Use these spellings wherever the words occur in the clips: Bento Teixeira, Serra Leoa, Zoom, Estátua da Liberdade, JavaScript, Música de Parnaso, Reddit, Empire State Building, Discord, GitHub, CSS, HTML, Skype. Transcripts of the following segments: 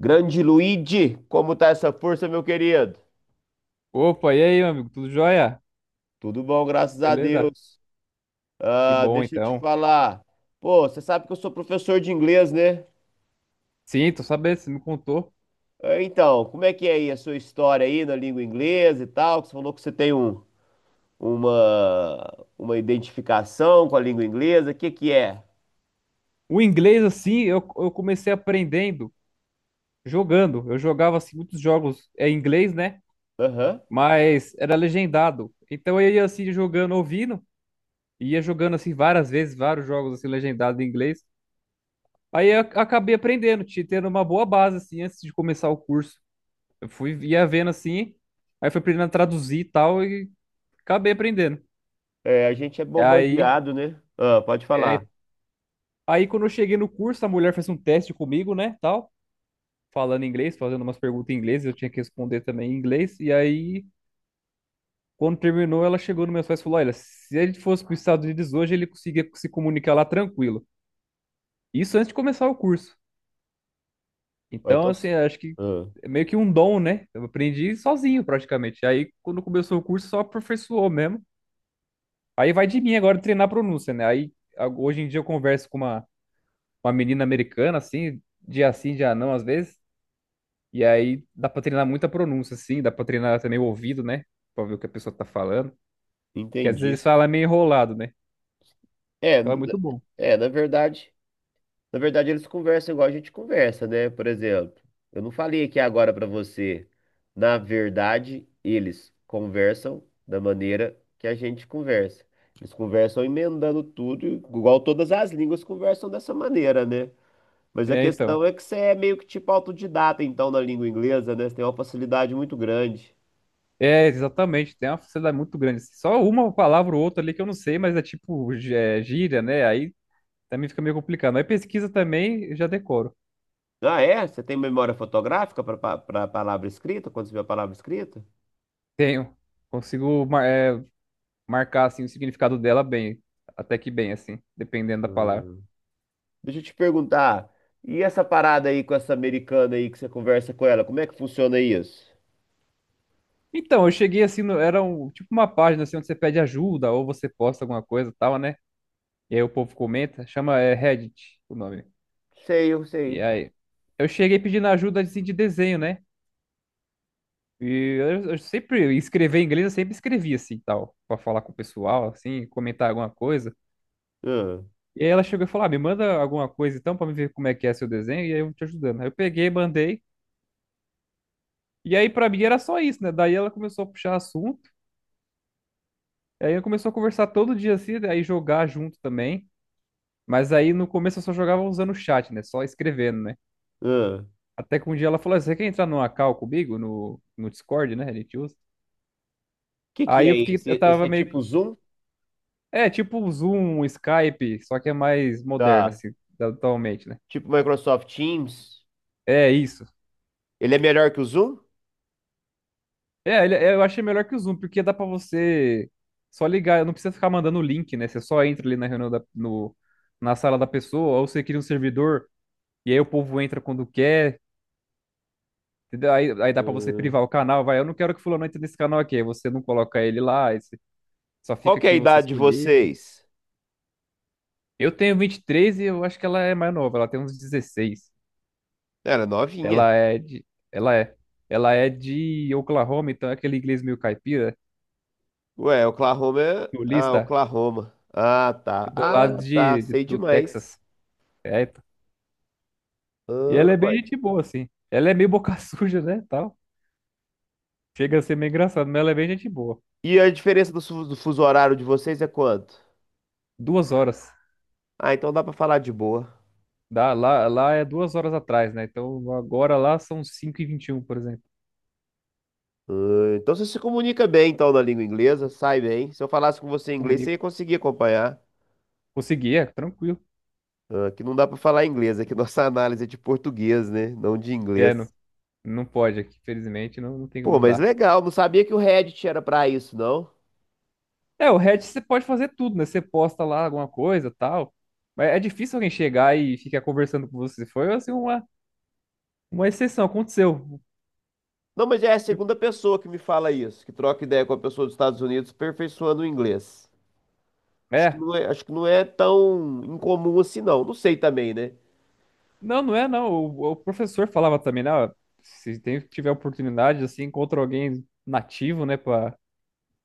Grande Luigi, como tá essa força, meu querido? Opa, e aí, meu amigo? Tudo jóia? Tudo bom, graças a Beleza? Deus. Que Ah, bom, deixa eu te então. falar. Pô, você sabe que eu sou professor de inglês, né? Sim, tô sabendo, você me contou. Ah, então, como é que é aí a sua história aí na língua inglesa e tal? Que você falou que você tem uma identificação com a língua inglesa. O que que é? O inglês, assim, eu comecei aprendendo jogando. Eu jogava, assim, muitos jogos em inglês, né? Aham. Mas era legendado. Então eu ia, assim, jogando, ouvindo. E ia jogando, assim, várias vezes, vários jogos, assim, legendados em inglês. Aí eu acabei aprendendo, tendo uma boa base, assim, antes de começar o curso. Eu fui, ia vendo, assim, aí fui aprendendo a traduzir e tal, e acabei aprendendo. É, a gente é Aí... bombardeado, né? Ah, pode falar. É. Aí quando eu cheguei no curso, a mulher fez um teste comigo, né, tal, falando inglês, fazendo umas perguntas em inglês, eu tinha que responder também em inglês. E aí, quando terminou, ela chegou nos meus pais e falou: "Olha, se ele fosse para os Estados Unidos hoje, ele conseguia se comunicar lá tranquilo". Isso antes de começar o curso. Ah, Então, então, assim, acho que ah, é meio que um dom, né? Eu aprendi sozinho praticamente. Aí, quando começou o curso, só aperfeiçoou mesmo. Aí vai de mim agora treinar a pronúncia, né? Aí, hoje em dia eu converso com uma menina americana, assim, dia sim, dia não, às vezes. E aí dá pra treinar muita pronúncia, assim, dá pra treinar também o ouvido, né? Pra ver o que a pessoa tá falando. Que às entendi. vezes fala meio enrolado, né? É, Então é n- muito bom. é, na verdade. Na verdade, eles conversam igual a gente conversa, né? Por exemplo, eu não falei aqui agora pra você. Na verdade, eles conversam da maneira que a gente conversa. Eles conversam emendando tudo, igual todas as línguas conversam dessa maneira, né? Mas a É, então. questão é que você é meio que tipo autodidata, então, na língua inglesa, né? Você tem uma facilidade muito grande. É, exatamente, tem uma facilidade muito grande, assim. Só uma palavra ou outra ali que eu não sei, mas é tipo gíria, né? Aí também fica meio complicado. Aí pesquisa também, eu já decoro. Ah, é? Você tem memória fotográfica para palavra escrita, quando você vê a palavra escrita? Tenho. Consigo marcar assim, o significado dela bem. Até que bem, assim, dependendo da palavra. Hum. Deixa eu te perguntar, e essa parada aí com essa americana aí que você conversa com ela, como é que funciona isso? Então, eu cheguei assim, era um, tipo uma página assim, onde você pede ajuda ou você posta alguma coisa e tal, né? E aí o povo comenta, chama Reddit o nome. Sei, eu E sei. aí eu cheguei pedindo ajuda assim, de desenho, né? E eu sempre escrever em inglês, eu sempre escrevi assim, tal, pra falar com o pessoal, assim, comentar alguma coisa. Hum, E aí ela chegou e falou: "Ah, me manda alguma coisa então pra me ver como é que é seu desenho e aí eu vou te ajudando". Aí eu peguei, mandei. E aí pra mim era só isso, né? Daí ela começou a puxar assunto. Aí eu começou a conversar todo dia assim, aí jogar junto também. Mas aí no começo eu só jogava usando o chat, né? Só escrevendo, né? hum. Até que um dia ela falou assim, você quer entrar numa call comigo no Discord, né? A gente usa. Que Aí é eu fiquei, eu esse? Esse tava é meio. tipo Zoom? É, tipo o Zoom, o Skype, só que é mais moderno, Tá. assim, atualmente, né? Tipo Microsoft Teams? É isso. Ele é melhor que o Zoom? É, eu achei melhor que o Zoom, porque dá pra você só ligar, não precisa ficar mandando o link, né? Você só entra ali na reunião da, no, na sala da pessoa, ou você cria um servidor, e aí o povo entra quando quer, entendeu? Aí dá pra você privar Hum. o canal, vai, eu não quero que fulano entre nesse canal aqui, aí você não coloca ele lá, aí você só Qual fica que é a quem você idade de escolher. vocês? Eu tenho 23 e três e eu acho que ela é mais nova, ela tem uns 16. Era novinha. Ela é de. Ela é. Ela é de Oklahoma, então é aquele inglês meio caipira, Ué, Oklahoma é. Ah, sulista, Oklahoma. Ah, tá. do lado Ah, tá. Sei do demais. Texas. É, pô. E Ah, ela é bem ué. gente boa, assim. Ela é meio boca suja, né? Tal. Chega a ser meio engraçado, mas ela é bem gente boa. E a diferença do fuso horário de vocês é quanto? 2 horas. Ah, então dá pra falar de boa. Dá, lá é 2 horas atrás, né? Então agora lá são 5h21, por exemplo. Ah, então você se comunica bem então na língua inglesa, sai bem. Se eu falasse com você em inglês, você ia Comunico. conseguir acompanhar. Consegui, tranquilo. Ah, aqui não dá pra falar inglês, aqui nossa análise é de português, né? Não de inglês. É, não, não pode aqui, felizmente, não, não tem, Pô, não mas dá. legal, não sabia que o Reddit era pra isso, não. É, o Reddit você pode fazer tudo, né? Você posta lá alguma coisa, tal. Mas é difícil alguém chegar e ficar conversando com você. Foi assim uma exceção, aconteceu. Não, mas é a Tipo, segunda pessoa que me fala isso, que troca ideia com a pessoa dos Estados Unidos aperfeiçoando o inglês. Acho que é. não é, acho que não é tão incomum assim, não. Não sei também, né? Não, não é não. O professor falava também, né? Ó, se tiver oportunidade, assim, encontra alguém nativo, né, pra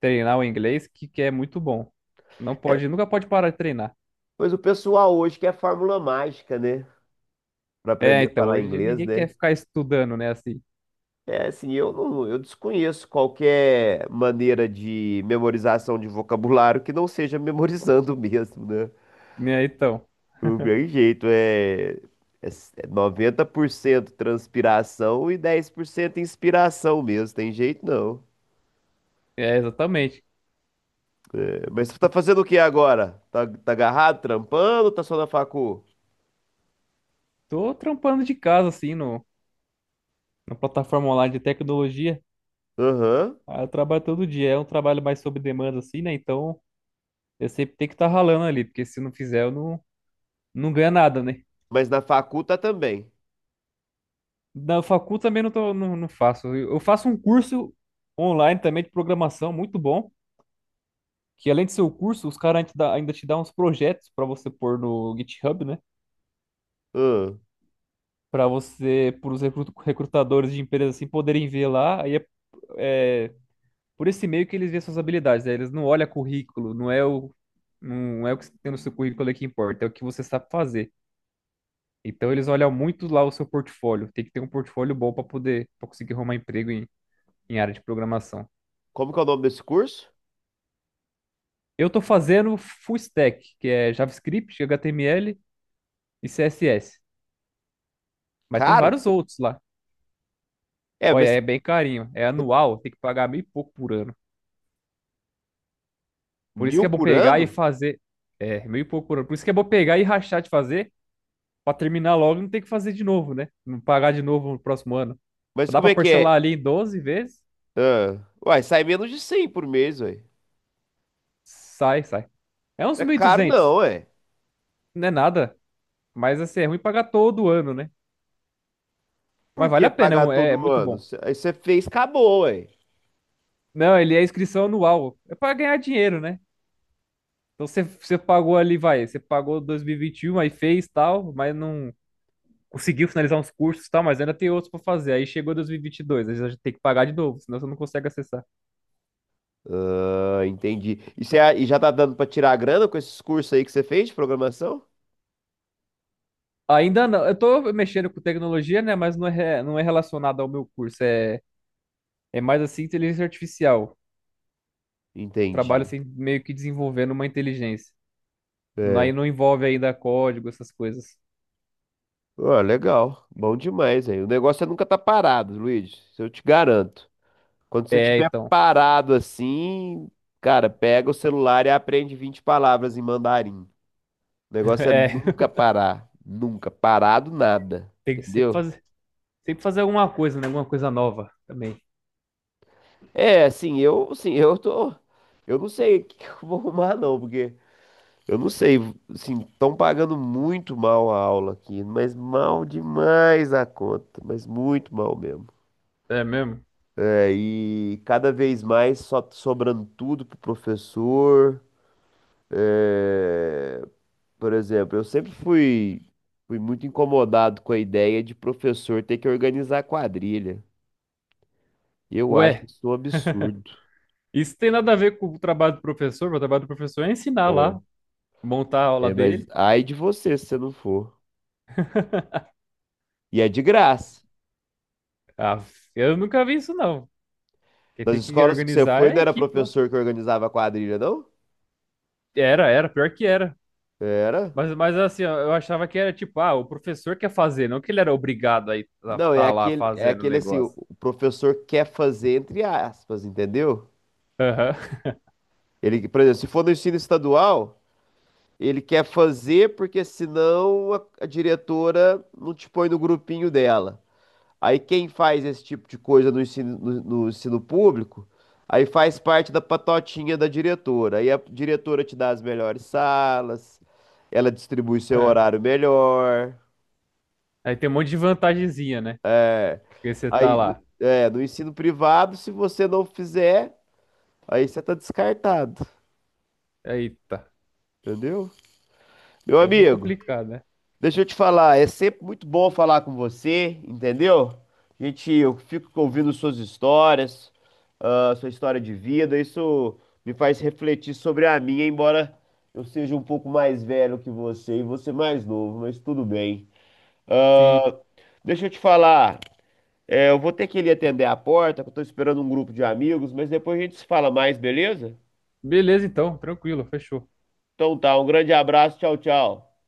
treinar o inglês, que é muito bom. Não pode, nunca pode parar de treinar. Mas o pessoal hoje quer fórmula mágica, né? Pra É, aprender a então, falar hoje em dia inglês, ninguém quer né? ficar estudando, né, assim. É, assim, eu não, eu desconheço qualquer maneira de memorização de vocabulário que não seja memorizando mesmo, né? Né? Então. Não tem jeito, é 90% transpiração e 10% inspiração mesmo, tem jeito não. É, exatamente. É, mas você tá fazendo o que agora? Tá agarrado, trampando ou tá só na facu? Tô trampando de casa, assim, no, na plataforma online de tecnologia. Aham, Ah, eu trabalho todo dia, é um trabalho mais sob demanda, assim, né? Então eu sempre tenho que estar ralando ali, porque se não fizer, eu não, não ganho nada, né? mas na facu tá também. Na facul também não, tô, não, não faço. Eu faço um curso online também de programação, muito bom. Que além de ser o curso, os caras ainda te dão uns projetos para você pôr no GitHub, né? Ahn, Para os recrutadores de empresas assim poderem ver lá. Aí é por esse meio que eles veem suas habilidades, né? Eles não olham currículo, não é o que tem no seu currículo ali que importa, é o que você sabe fazer. Então eles olham muito lá o seu portfólio. Tem que ter um portfólio bom para poder, para conseguir arrumar emprego em área de programação. Como que é o nome desse curso? Eu tô fazendo full stack, que é JavaScript, HTML e CSS. Mas tem Caro? vários outros lá. É, Olha, mas é bem carinho. É anual, tem que pagar meio e pouco por ano. Por isso que mil é bom por pegar e ano? fazer. É, meio e pouco por ano. Por isso que é bom pegar e rachar de fazer, para terminar logo e não ter que fazer de novo, né? Não pagar de novo no próximo ano. Mas Dá como para é que é? parcelar ali em 12 vezes. Ah, uai, sai menos de 100 por mês, uai. Sai, sai. É uns Não é mil e caro não, duzentos. ué. Não é nada. Mas assim, é ruim pagar todo ano, né? Por Mas vale que a pena, pagar é todo muito ano? bom. Aí você fez, acabou, ué. Não, ele é inscrição anual. É para ganhar dinheiro, né? Então você pagou ali, vai, você pagou 2021, aí fez tal, mas não conseguiu finalizar uns cursos e tal, mas ainda tem outros para fazer. Aí chegou 2022, aí já tem que pagar de novo, senão você não consegue acessar. Ah, entendi. E já tá dando pra tirar a grana com esses cursos aí que você fez de programação? Ainda não, eu tô mexendo com tecnologia, né? Mas não é relacionado ao meu curso, é mais assim inteligência artificial. Trabalho Entendi. assim, meio que desenvolvendo uma inteligência. É, Aí não envolve ainda código, essas coisas. ó, legal. Bom demais, aí. O negócio é nunca tá parado, Luiz. Isso eu te garanto. Quando você É, tiver então. parado assim, cara, pega o celular e aprende 20 palavras em mandarim. O negócio é É, nunca parar. Nunca. Parado nada. tem que Entendeu? Sempre fazer alguma coisa, né? Alguma coisa nova também. É, assim, eu, assim, eu não sei o que que eu vou arrumar não, porque eu não sei, assim, estão pagando muito mal a aula aqui, mas mal demais a conta, mas muito mal mesmo. É mesmo? É, e cada vez mais só sobrando tudo pro professor. É, por exemplo, eu sempre fui muito incomodado com a ideia de professor ter que organizar quadrilha. Eu acho Ué, isso um absurdo. isso tem nada a ver com o trabalho do professor, mas o trabalho do professor é ensinar É, lá, montar a aula é, mas dele. ai de você se você não for. E é de graça. Ah, eu nunca vi isso, não. Quem Das tem que escolas que você organizar foi, é a não era equipe lá. professor que organizava a quadrilha, não? Era, era, pior que era. Era. Mas assim, ó, eu achava que era tipo, ah, o professor quer fazer, não que ele era obrigado a estar Não, é tá lá aquele, é fazendo o aquele assim, o negócio. o professor quer fazer entre aspas, entendeu? Aham. Ele, por exemplo, se for no ensino estadual, ele quer fazer porque senão a diretora não te põe no grupinho dela. Aí quem faz esse tipo de coisa no ensino, no ensino público, aí faz parte da patotinha da diretora. Aí a diretora te dá as melhores salas, ela distribui seu é. horário melhor. Aí tem um monte de vantagenzinha, né? Porque você tá Aí, lá. é, no ensino privado, se você não fizer, aí você tá descartado, Eita, entendeu? Meu é meio amigo, complicado, né? deixa eu te falar, é sempre muito bom falar com você, entendeu? Gente, eu fico ouvindo suas histórias, ah, sua história de vida, isso me faz refletir sobre a minha, embora eu seja um pouco mais velho que você e você mais novo, mas tudo bem. Sim. Ah, deixa eu te falar, é, eu vou ter que ir ali atender a porta, que eu tô esperando um grupo de amigos, mas depois a gente se fala mais, beleza? Beleza, então, tranquilo, fechou. Então tá, um grande abraço, tchau, tchau.